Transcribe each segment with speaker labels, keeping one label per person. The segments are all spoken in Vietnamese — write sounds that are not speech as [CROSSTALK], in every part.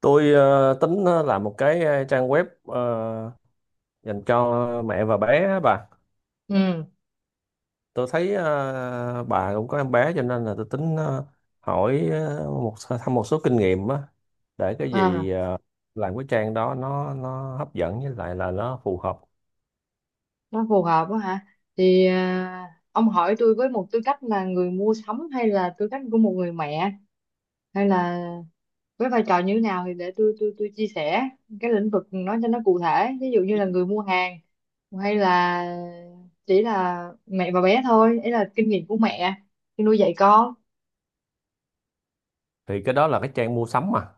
Speaker 1: Tôi tính làm một cái trang web dành cho mẹ và bé á bà.
Speaker 2: Ừ,
Speaker 1: Tôi thấy bà cũng có em bé cho nên là tôi tính hỏi một thăm một số kinh nghiệm á để cái gì
Speaker 2: à,
Speaker 1: làm cái trang đó nó hấp dẫn với lại là nó phù hợp.
Speaker 2: nó phù hợp quá hả? Thì ông hỏi tôi với một tư cách là người mua sắm hay là tư cách của một người mẹ, hay là với vai trò như thế nào thì để tôi chia sẻ cái lĩnh vực nó cho nó cụ thể. Ví dụ như là người mua hàng, hay là chỉ là mẹ và bé thôi, ấy là kinh nghiệm của mẹ khi nuôi dạy con.
Speaker 1: Thì cái đó là cái trang mua sắm mà.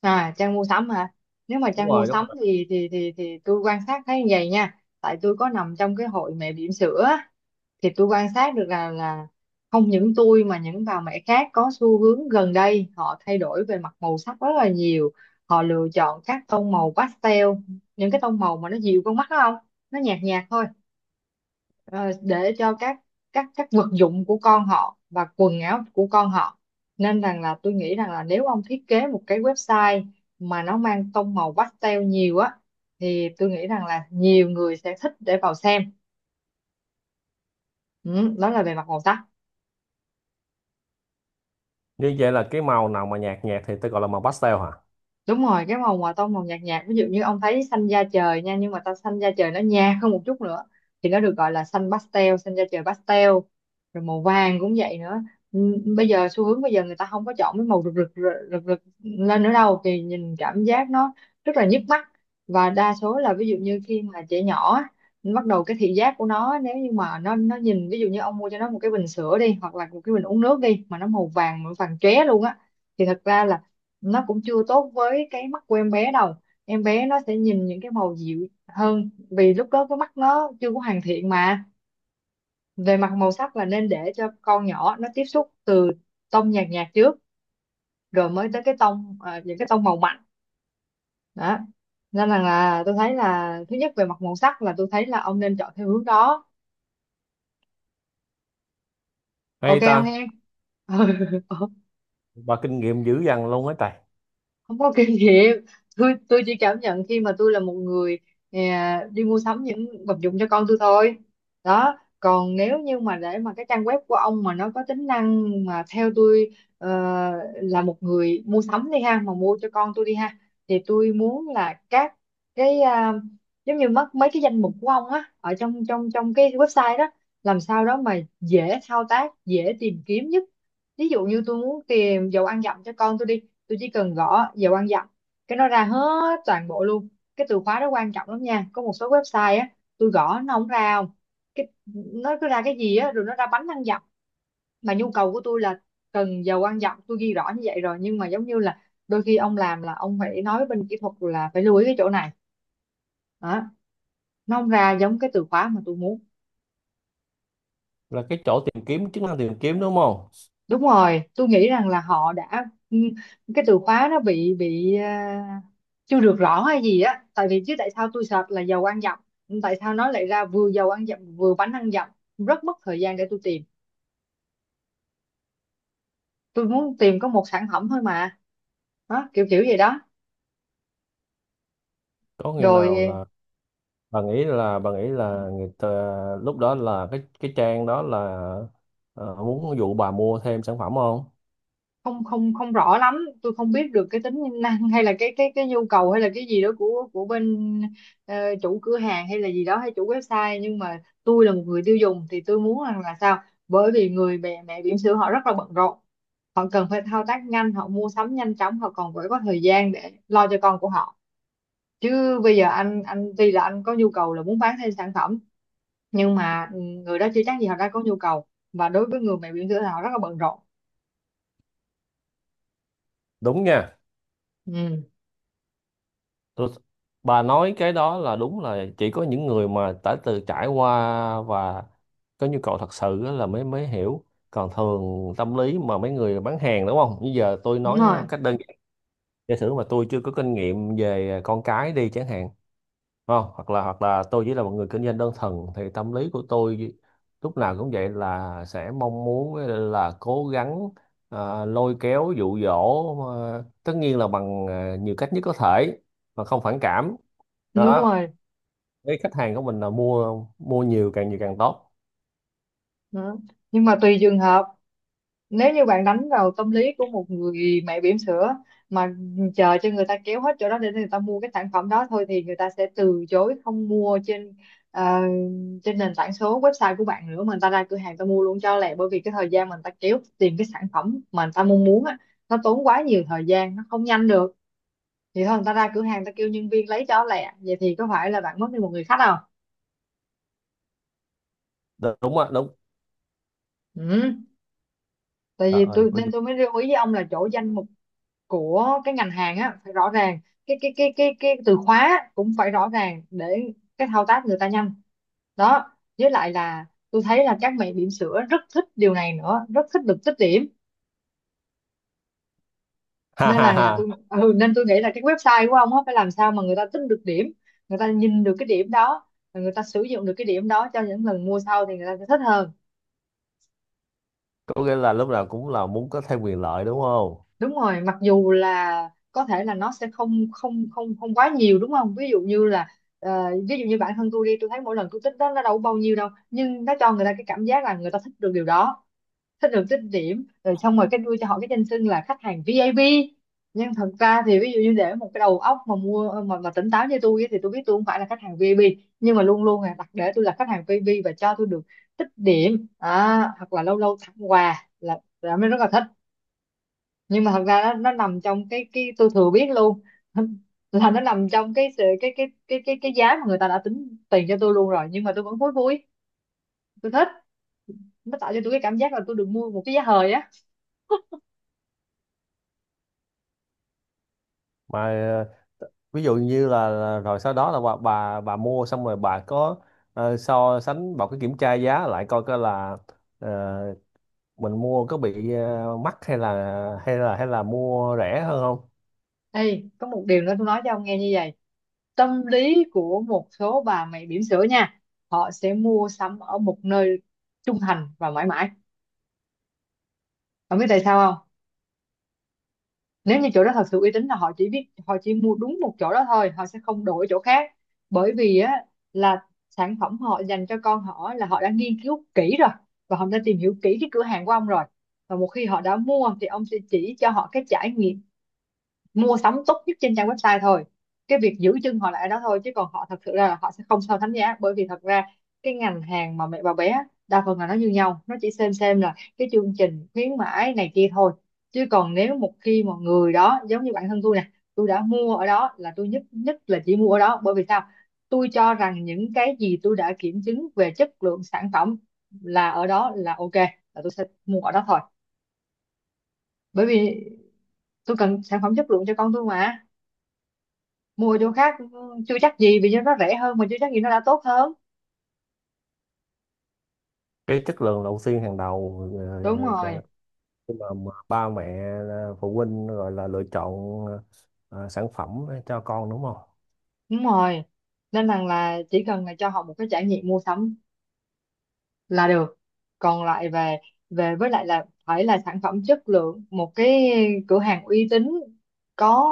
Speaker 2: À, trang mua sắm hả? Nếu mà
Speaker 1: Đúng
Speaker 2: trang mua
Speaker 1: rồi, đúng
Speaker 2: sắm
Speaker 1: rồi.
Speaker 2: thì tôi quan sát thấy như vậy nha. Tại tôi có nằm trong cái hội mẹ bỉm sữa, thì tôi quan sát được là không những tôi mà những bà mẹ khác có xu hướng gần đây họ thay đổi về mặt màu sắc rất là nhiều, họ lựa chọn các tông màu pastel, những cái tông màu mà nó dịu con mắt đó không, nó nhạt nhạt thôi, ờ, để cho các vật dụng của con họ và quần áo của con họ, nên rằng là tôi nghĩ rằng là nếu ông thiết kế một cái website mà nó mang tông màu pastel nhiều á, thì tôi nghĩ rằng là nhiều người sẽ thích để vào xem. Ừ, đó là về mặt màu sắc.
Speaker 1: Như vậy là cái màu nào mà nhạt nhạt thì tôi gọi là màu pastel hả?
Speaker 2: Đúng rồi, cái màu mà tông màu nhạt nhạt, ví dụ như ông thấy xanh da trời nha, nhưng mà ta xanh da trời nó nhạt hơn một chút nữa thì nó được gọi là xanh pastel, xanh da trời pastel. Rồi màu vàng cũng vậy nữa. Ừ, bây giờ xu hướng bây giờ người ta không có chọn cái màu rực rực rực rực, rực lên nữa đâu, thì nhìn cảm giác nó rất là nhức mắt. Và đa số là, ví dụ như khi mà trẻ nhỏ á, bắt đầu cái thị giác của nó, nếu như mà nó nhìn, ví dụ như ông mua cho nó một cái bình sữa đi, hoặc là một cái bình uống nước đi, mà nó màu vàng, màu vàng chóe luôn á, thì thật ra là nó cũng chưa tốt với cái mắt của em bé đâu. Em bé nó sẽ nhìn những cái màu dịu hơn, vì lúc đó cái mắt nó chưa có hoàn thiện mà. Về mặt màu sắc là nên để cho con nhỏ nó tiếp xúc từ tông nhạt nhạt trước, rồi mới tới cái tông những cái tông màu mạnh đó. Nên là tôi thấy là thứ nhất về mặt màu sắc, là tôi thấy là ông nên chọn theo hướng đó. Ok
Speaker 1: Hay
Speaker 2: không
Speaker 1: ta,
Speaker 2: em? [LAUGHS] Ừ.
Speaker 1: bà kinh nghiệm dữ dằn luôn ấy trời.
Speaker 2: Không có kinh nghiệm, tôi chỉ cảm nhận khi mà tôi là một người đi mua sắm những vật dụng cho con tôi thôi đó. Còn nếu như mà để mà cái trang web của ông mà nó có tính năng, mà theo tôi là một người mua sắm đi ha, mà mua cho con tôi đi ha, thì tôi muốn là các cái giống như mất mấy cái danh mục của ông á ở trong trong trong cái website đó, làm sao đó mà dễ thao tác, dễ tìm kiếm nhất. Ví dụ như tôi muốn tìm dầu ăn dặm cho con tôi đi, tôi chỉ cần gõ giờ quan giọng, cái nó ra hết toàn bộ luôn. Cái từ khóa đó quan trọng lắm nha, có một số website á tôi gõ nó không ra, không cái nó cứ ra cái gì á rồi nó ra bánh ăn dặm, mà nhu cầu của tôi là cần giờ quan dặm, tôi ghi rõ như vậy rồi, nhưng mà giống như là đôi khi ông làm là ông phải nói với bên kỹ thuật là phải lưu ý cái chỗ này đó, nó không ra giống cái từ khóa mà tôi muốn.
Speaker 1: Là cái chỗ tìm kiếm, chức năng tìm kiếm đúng không?
Speaker 2: Đúng rồi, tôi nghĩ rằng là họ đã cái từ khóa nó bị chưa được rõ hay gì á, tại vì chứ tại sao tôi search là dầu ăn dặm, tại sao nó lại ra vừa dầu ăn dặm vừa bánh ăn dặm, rất mất thời gian để tôi tìm, tôi muốn tìm có một sản phẩm thôi mà. Đó, kiểu kiểu vậy đó.
Speaker 1: Có khi nào
Speaker 2: Rồi
Speaker 1: là bà nghĩ là người ta, lúc đó là cái trang đó là muốn dụ bà mua thêm sản phẩm không
Speaker 2: không, không rõ lắm, tôi không biết được cái tính năng hay là cái cái nhu cầu hay là cái gì đó của bên ờ, chủ cửa hàng hay là gì đó, hay chủ website, nhưng mà tôi là một người tiêu dùng thì tôi muốn rằng là sao, bởi vì người mẹ, mẹ bỉm sữa họ rất là bận rộn, họ cần phải thao tác nhanh, họ mua sắm nhanh chóng, họ còn phải có thời gian để lo cho con của họ. Chứ bây giờ anh tuy là anh có nhu cầu là muốn bán thêm sản phẩm, nhưng mà người đó chưa chắc gì họ đã có nhu cầu, và đối với người mẹ bỉm sữa thì họ rất là bận rộn.
Speaker 1: đúng nha
Speaker 2: Ừ.
Speaker 1: tôi, bà nói cái đó là đúng là chỉ có những người mà đã từ trải qua và có nhu cầu thật sự á là mới mới hiểu còn thường tâm lý mà mấy người bán hàng đúng không bây giờ tôi
Speaker 2: Đúng
Speaker 1: nói
Speaker 2: rồi,
Speaker 1: cách đơn giản giả sử mà tôi chưa có kinh nghiệm về con cái đi chẳng hạn không hoặc là tôi chỉ là một người kinh doanh đơn thuần thì tâm lý của tôi lúc nào cũng vậy là sẽ mong muốn là cố gắng lôi kéo dụ dỗ tất nhiên là bằng nhiều cách nhất có thể mà không phản cảm
Speaker 2: đúng
Speaker 1: đó
Speaker 2: rồi.
Speaker 1: với khách hàng của mình là mua mua nhiều càng tốt.
Speaker 2: Đó. Nhưng mà tùy trường hợp, nếu như bạn đánh vào tâm lý của một người mẹ bỉm sữa mà chờ cho người ta kéo hết chỗ đó để người ta mua cái sản phẩm đó thôi, thì người ta sẽ từ chối không mua trên ờ, trên nền tảng số website của bạn nữa, mà người ta ra cửa hàng người ta mua luôn cho lẹ, bởi vì cái thời gian mà người ta kéo tìm cái sản phẩm mà người ta mong muốn á, nó tốn quá nhiều thời gian, nó không nhanh được, thì thôi người ta ra cửa hàng người ta kêu nhân viên lấy cho lẹ, vậy thì có phải là bạn mất đi một người khách không?
Speaker 1: Đúng á, đúng.
Speaker 2: Ừ. Tại
Speaker 1: Trời
Speaker 2: vì
Speaker 1: ơi
Speaker 2: tôi, nên tôi mới lưu ý với ông là chỗ danh mục của cái ngành hàng á phải rõ ràng, cái từ khóa cũng phải rõ ràng để cái thao tác người ta nhanh. Đó. Với lại là tôi thấy là các mẹ bỉm sữa rất thích điều này nữa, rất thích được tích điểm.
Speaker 1: [LAUGHS] ha
Speaker 2: Nên
Speaker 1: ha ha.
Speaker 2: là tôi nên tôi nghĩ là cái website của ông á phải làm sao mà người ta tích được điểm, người ta nhìn được cái điểm đó, và người ta sử dụng được cái điểm đó cho những lần mua sau, thì người ta sẽ thích hơn.
Speaker 1: Có nghĩa là lúc nào cũng là muốn có thêm quyền lợi đúng không
Speaker 2: Đúng rồi, mặc dù là có thể là nó sẽ không không không không quá nhiều, đúng không? Ví dụ như là ví dụ như bản thân tôi đi, tôi thấy mỗi lần tôi tích đó nó đâu có bao nhiêu đâu, nhưng nó cho người ta cái cảm giác là người ta thích được điều đó, thích được tích điểm, rồi xong rồi cái đưa cho họ cái danh xưng là khách hàng VIP. Nhưng thật ra thì, ví dụ như để một cái đầu óc mà mua mà tỉnh táo như tôi ấy, thì tôi biết tôi không phải là khách hàng VIP, nhưng mà luôn luôn là đặt để tôi là khách hàng VIP và cho tôi được tích điểm, hoặc là lâu lâu tặng quà là mới rất là thích. Nhưng mà thật ra nó nằm trong cái tôi thừa biết luôn [LAUGHS] là nó nằm trong cái sự cái cái giá mà người ta đã tính tiền cho tôi luôn rồi, nhưng mà tôi vẫn vui vui, tôi thích, nó tạo cho tôi cái cảm giác là tôi được mua một cái giá hời á.
Speaker 1: mà ví dụ như là rồi sau đó là bà mua xong rồi bà có so sánh bà có kiểm tra giá lại coi coi là ờ, mình mua có bị mắc hay là hay là mua rẻ hơn không.
Speaker 2: Ê, có một điều nữa tôi nói cho ông nghe như vậy, tâm lý của một số bà mẹ bỉm sữa nha, họ sẽ mua sắm ở một nơi, trung thành và mãi mãi, ông biết tại sao không? Nếu như chỗ đó thật sự uy tín là họ chỉ biết, họ chỉ mua đúng một chỗ đó thôi, họ sẽ không đổi chỗ khác, bởi vì á là sản phẩm họ dành cho con họ là họ đã nghiên cứu kỹ rồi, và họ đã tìm hiểu kỹ cái cửa hàng của ông rồi, và một khi họ đã mua thì ông sẽ chỉ cho họ cái trải nghiệm mua sắm tốt nhất trên trang website thôi, cái việc giữ chân họ lại ở đó thôi. Chứ còn họ thật sự ra là họ sẽ không so sánh giá, bởi vì thật ra cái ngành hàng mà mẹ bà bé đa phần là nó như nhau, nó chỉ xem là cái chương trình khuyến mãi này kia thôi. Chứ còn nếu một khi mà người đó giống như bản thân tôi nè, tôi đã mua ở đó là tôi nhất nhất là chỉ mua ở đó, bởi vì sao? Tôi cho rằng những cái gì tôi đã kiểm chứng về chất lượng sản phẩm là ở đó là ok, là tôi sẽ mua ở đó thôi. Bởi vì tôi cần sản phẩm chất lượng cho con tôi mà. Mua chỗ khác chưa chắc gì vì nó rẻ hơn, mà chưa chắc gì nó đã tốt hơn.
Speaker 1: Cái chất lượng đầu tiên hàng đầu
Speaker 2: Đúng rồi.
Speaker 1: khi mà ba mẹ phụ huynh gọi là lựa chọn sản phẩm cho con đúng không.
Speaker 2: Đúng rồi. Nên rằng là chỉ cần là cho họ một cái trải nghiệm mua sắm là được. Còn lại về về với lại là phải là sản phẩm chất lượng, một cái cửa hàng uy tín, có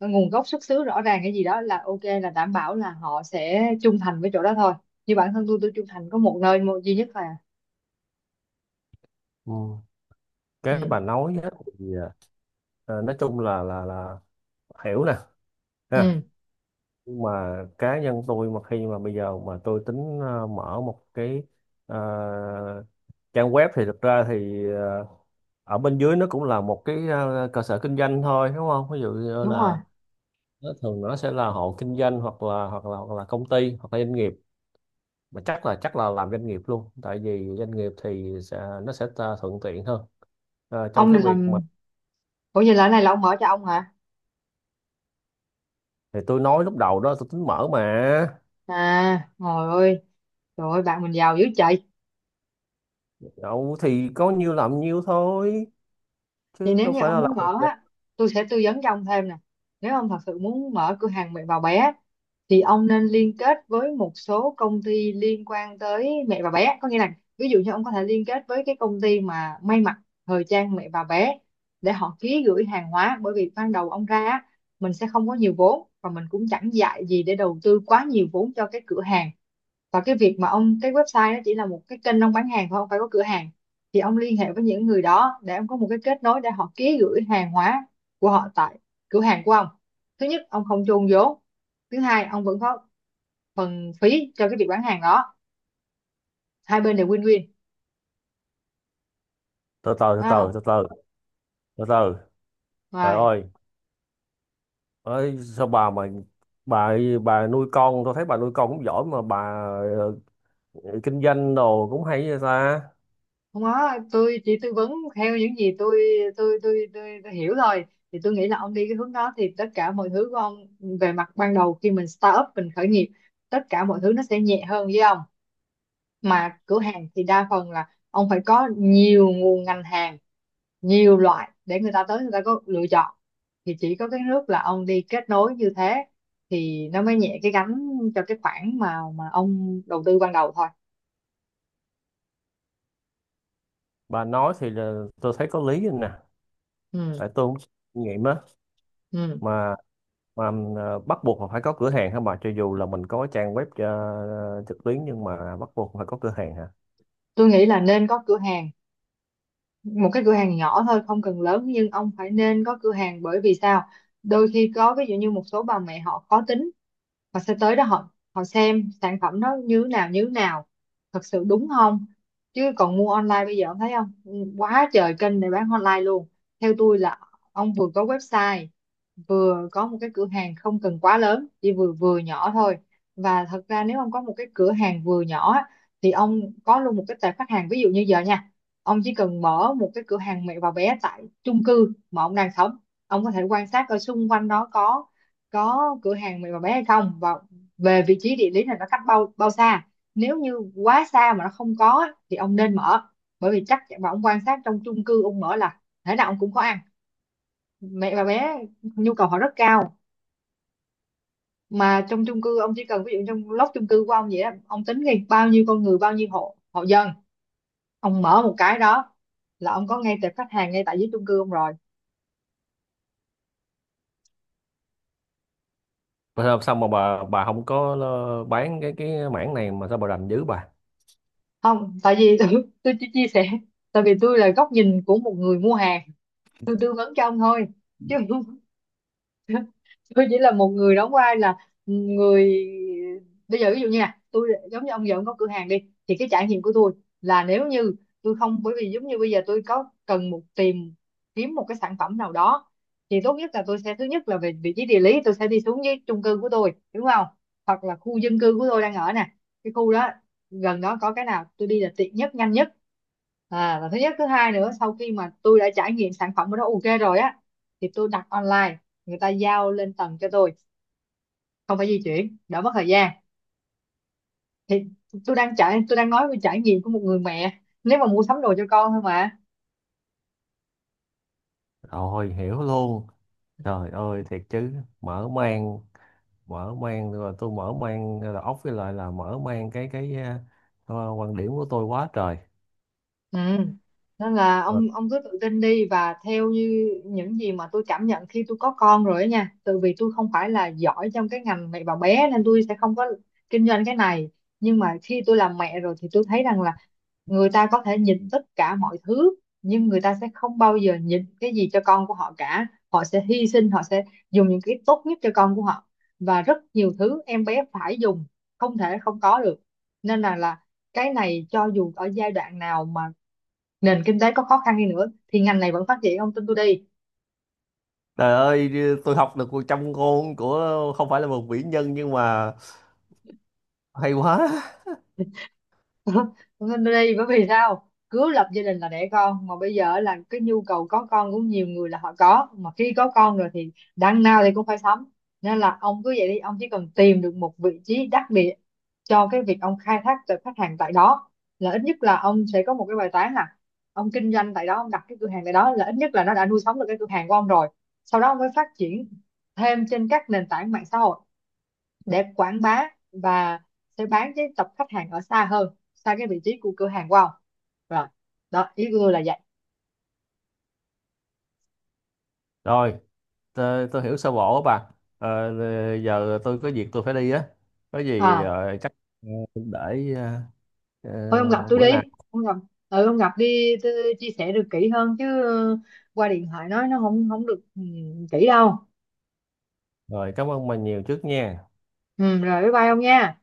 Speaker 2: nguồn gốc xuất xứ rõ ràng cái gì đó là ok, là đảm bảo là họ sẽ trung thành với chỗ đó thôi. Như bản thân tôi trung thành có một nơi, một duy nhất là.
Speaker 1: Ừ. Cái
Speaker 2: Ừ.
Speaker 1: bà nói á thì nói chung là là hiểu nè ha.
Speaker 2: Ừ.
Speaker 1: Nhưng mà cá nhân tôi mà khi mà bây giờ mà tôi tính mở một cái ờ, trang web thì thực ra thì ở bên dưới nó cũng là một cái cơ sở kinh doanh thôi đúng không, ví dụ như
Speaker 2: Đúng rồi.
Speaker 1: là nó thường nó sẽ là hộ kinh doanh hoặc là hoặc là công ty hoặc là doanh nghiệp mà chắc là làm doanh nghiệp luôn tại vì doanh nghiệp thì nó sẽ ta thuận tiện hơn. Ờ, trong
Speaker 2: Ông
Speaker 1: cái
Speaker 2: định
Speaker 1: việc mà
Speaker 2: làm? Ủa, vậy là cái này là ông mở cho ông hả?
Speaker 1: thì tôi nói lúc đầu đó tôi tính mở mà.
Speaker 2: À trời ơi. Trời ơi, bạn mình giàu dữ trời.
Speaker 1: Đâu thì có nhiêu làm nhiêu thôi
Speaker 2: Vậy
Speaker 1: chứ
Speaker 2: nếu
Speaker 1: đâu
Speaker 2: như
Speaker 1: phải
Speaker 2: ông
Speaker 1: là làm.
Speaker 2: muốn mở á, tôi sẽ tư vấn cho ông thêm nè. Nếu ông thật sự muốn mở cửa hàng mẹ và bé thì ông nên liên kết với một số công ty liên quan tới mẹ và bé. Có nghĩa là ví dụ như ông có thể liên kết với cái công ty mà may mặc thời trang mẹ và bé để họ ký gửi hàng hóa. Bởi vì ban đầu ông ra á, mình sẽ không có nhiều vốn và mình cũng chẳng dại gì để đầu tư quá nhiều vốn cho cái cửa hàng. Và cái việc mà ông cái website đó chỉ là một cái kênh ông bán hàng thôi, không phải có cửa hàng. Thì ông liên hệ với những người đó để ông có một cái kết nối để họ ký gửi hàng hóa của họ tại cửa hàng của ông. Thứ nhất, ông không chôn vốn. Thứ hai, ông vẫn có phần phí cho cái việc bán hàng đó. Hai bên đều win-win,
Speaker 1: Từ từ từ
Speaker 2: đúng không?
Speaker 1: từ từ từ từ Từ Trời
Speaker 2: Rồi.
Speaker 1: ơi, ấy sao bà mà bà bà nuôi con tôi thấy bà nuôi con cũng giỏi mà bà ờ, kinh doanh đồ cũng hay vậy ta.
Speaker 2: Không có, tôi chỉ tư vấn theo những gì tôi hiểu thôi. Thì tôi nghĩ là ông đi cái hướng đó thì tất cả mọi thứ của ông về mặt ban đầu khi mình start up, mình khởi nghiệp, tất cả mọi thứ nó sẽ nhẹ hơn với ông. Mà cửa hàng thì đa phần là ông phải có nhiều nguồn ngành hàng, nhiều loại để người ta tới người ta có lựa chọn. Thì chỉ có cái nước là ông đi kết nối như thế thì nó mới nhẹ cái gánh cho cái khoản mà ông đầu tư ban đầu thôi.
Speaker 1: Bà nói thì là, tôi thấy có lý nè.
Speaker 2: Ừ.
Speaker 1: Tại tôi cũng kinh nghiệm á
Speaker 2: Ừ.
Speaker 1: mà mà bắt buộc là phải có cửa hàng hả bà, cho dù là mình có trang web trực tuyến nhưng mà bắt buộc phải có cửa hàng hả?
Speaker 2: Tôi nghĩ là nên có cửa hàng. Một cái cửa hàng nhỏ thôi không cần lớn, nhưng ông phải nên có cửa hàng. Bởi vì sao? Đôi khi có ví dụ như một số bà mẹ họ khó tính, họ sẽ tới đó, họ họ xem sản phẩm nó như thế nào, như thế nào thật sự, đúng không? Chứ còn mua online bây giờ ông thấy không? Quá trời kênh để bán online luôn. Theo tôi là ông vừa có website, vừa có một cái cửa hàng không cần quá lớn, chỉ vừa vừa nhỏ thôi. Và thật ra nếu ông có một cái cửa hàng vừa nhỏ á, thì ông có luôn một cái tệp khách hàng. Ví dụ như giờ nha, ông chỉ cần mở một cái cửa hàng mẹ và bé tại chung cư mà ông đang sống. Ông có thể quan sát ở xung quanh đó có cửa hàng mẹ và bé hay không, và về vị trí địa lý là nó cách bao bao xa. Nếu như quá xa mà nó không có á, thì ông nên mở. Bởi vì và ông quan sát trong chung cư ông mở là thế nào ông cũng có ăn. Mẹ và bé nhu cầu họ rất cao mà. Trong chung cư ông chỉ cần ví dụ trong lốc chung cư của ông vậy đó, ông tính ngay bao nhiêu con người, bao nhiêu hộ hộ dân. Ông mở một cái đó là ông có ngay tệp khách hàng ngay tại dưới chung cư ông rồi.
Speaker 1: Mà sao sao mà bà không có bán cái mảng này mà sao bà rành dữ bà.
Speaker 2: Không tại vì [LAUGHS] tôi chỉ chia sẻ. Tại vì tôi là góc nhìn của một người mua hàng, tôi tư vấn cho ông thôi chứ không. [LAUGHS] Tôi chỉ là một người đóng vai là người bây giờ ví dụ như là tôi giống như ông, giờ ông có cửa hàng đi, thì cái trải nghiệm của tôi là nếu như tôi không, bởi vì giống như bây giờ tôi có cần một tìm kiếm một cái sản phẩm nào đó, thì tốt nhất là tôi sẽ thứ nhất là về vị trí địa lý, tôi sẽ đi xuống với chung cư của tôi, đúng không? Hoặc là khu dân cư của tôi đang ở nè. Cái khu đó gần đó có cái nào tôi đi là tiện nhất, nhanh nhất. À và thứ nhất thứ hai nữa, sau khi mà tôi đã trải nghiệm sản phẩm của nó ok rồi á, thì tôi đặt online, người ta giao lên tầng cho tôi, không phải di chuyển, đỡ mất thời gian. Thì tôi đang nói về trải nghiệm của một người mẹ nếu mà mua sắm đồ cho con thôi mà.
Speaker 1: Rồi hiểu luôn. Trời ơi thiệt chứ, mở mang, mở mang. Rồi tôi mở mang đầu óc với lại là mở mang cái quan điểm của tôi quá trời.
Speaker 2: Ừ. Nên là
Speaker 1: Ờ.
Speaker 2: ông cứ tự tin đi và theo như những gì mà tôi cảm nhận khi tôi có con rồi ấy nha. Tại vì tôi không phải là giỏi trong cái ngành mẹ và bé nên tôi sẽ không có kinh doanh cái này. Nhưng mà khi tôi làm mẹ rồi thì tôi thấy rằng là người ta có thể nhịn tất cả mọi thứ, nhưng người ta sẽ không bao giờ nhịn cái gì cho con của họ cả. Họ sẽ hy sinh, họ sẽ dùng những cái tốt nhất cho con của họ. Và rất nhiều thứ em bé phải dùng, không thể không có được. Nên là cái này cho dù ở giai đoạn nào mà nền kinh tế có khó khăn đi nữa thì ngành này vẫn phát triển, ông tin tôi đi.
Speaker 1: Trời ơi, tôi học được 100 ngôn của không phải là một vĩ nhân nhưng mà hay quá.
Speaker 2: [LAUGHS] Ông tin tôi đi, bởi vì sao? Cứ lập gia đình là đẻ con, mà bây giờ là cái nhu cầu có con của nhiều người là họ có, mà khi có con rồi thì đằng nào thì cũng phải sắm. Nên là ông cứ vậy đi, ông chỉ cần tìm được một vị trí đắc địa cho cái việc ông khai thác từ khách hàng tại đó. Là ít nhất là ông sẽ có một cái bài toán là ông kinh doanh tại đó, ông đặt cái cửa hàng tại đó là ít nhất là nó đã nuôi sống được cái cửa hàng của ông rồi. Sau đó ông mới phát triển thêm trên các nền tảng mạng xã hội để quảng bá và sẽ bán đến tập khách hàng ở xa hơn, xa cái vị trí của cửa hàng của ông. Rồi, đó ý của tôi là vậy.
Speaker 1: Rồi tôi hiểu sơ bộ á bà. Ờ, giờ tôi có việc tôi phải đi á, có gì
Speaker 2: À
Speaker 1: chắc ờ, để
Speaker 2: thôi ông gặp tôi đi.
Speaker 1: bữa nào
Speaker 2: Ông gặp. Ừ, ông gặp đi tôi chia sẻ được kỹ hơn chứ. Ờ, Qua điện thoại nói nó không không được. Ừ, kỹ đâu.
Speaker 1: rồi cảm ơn bà nhiều trước nha.
Speaker 2: Ừ, rồi bye bye ông nha.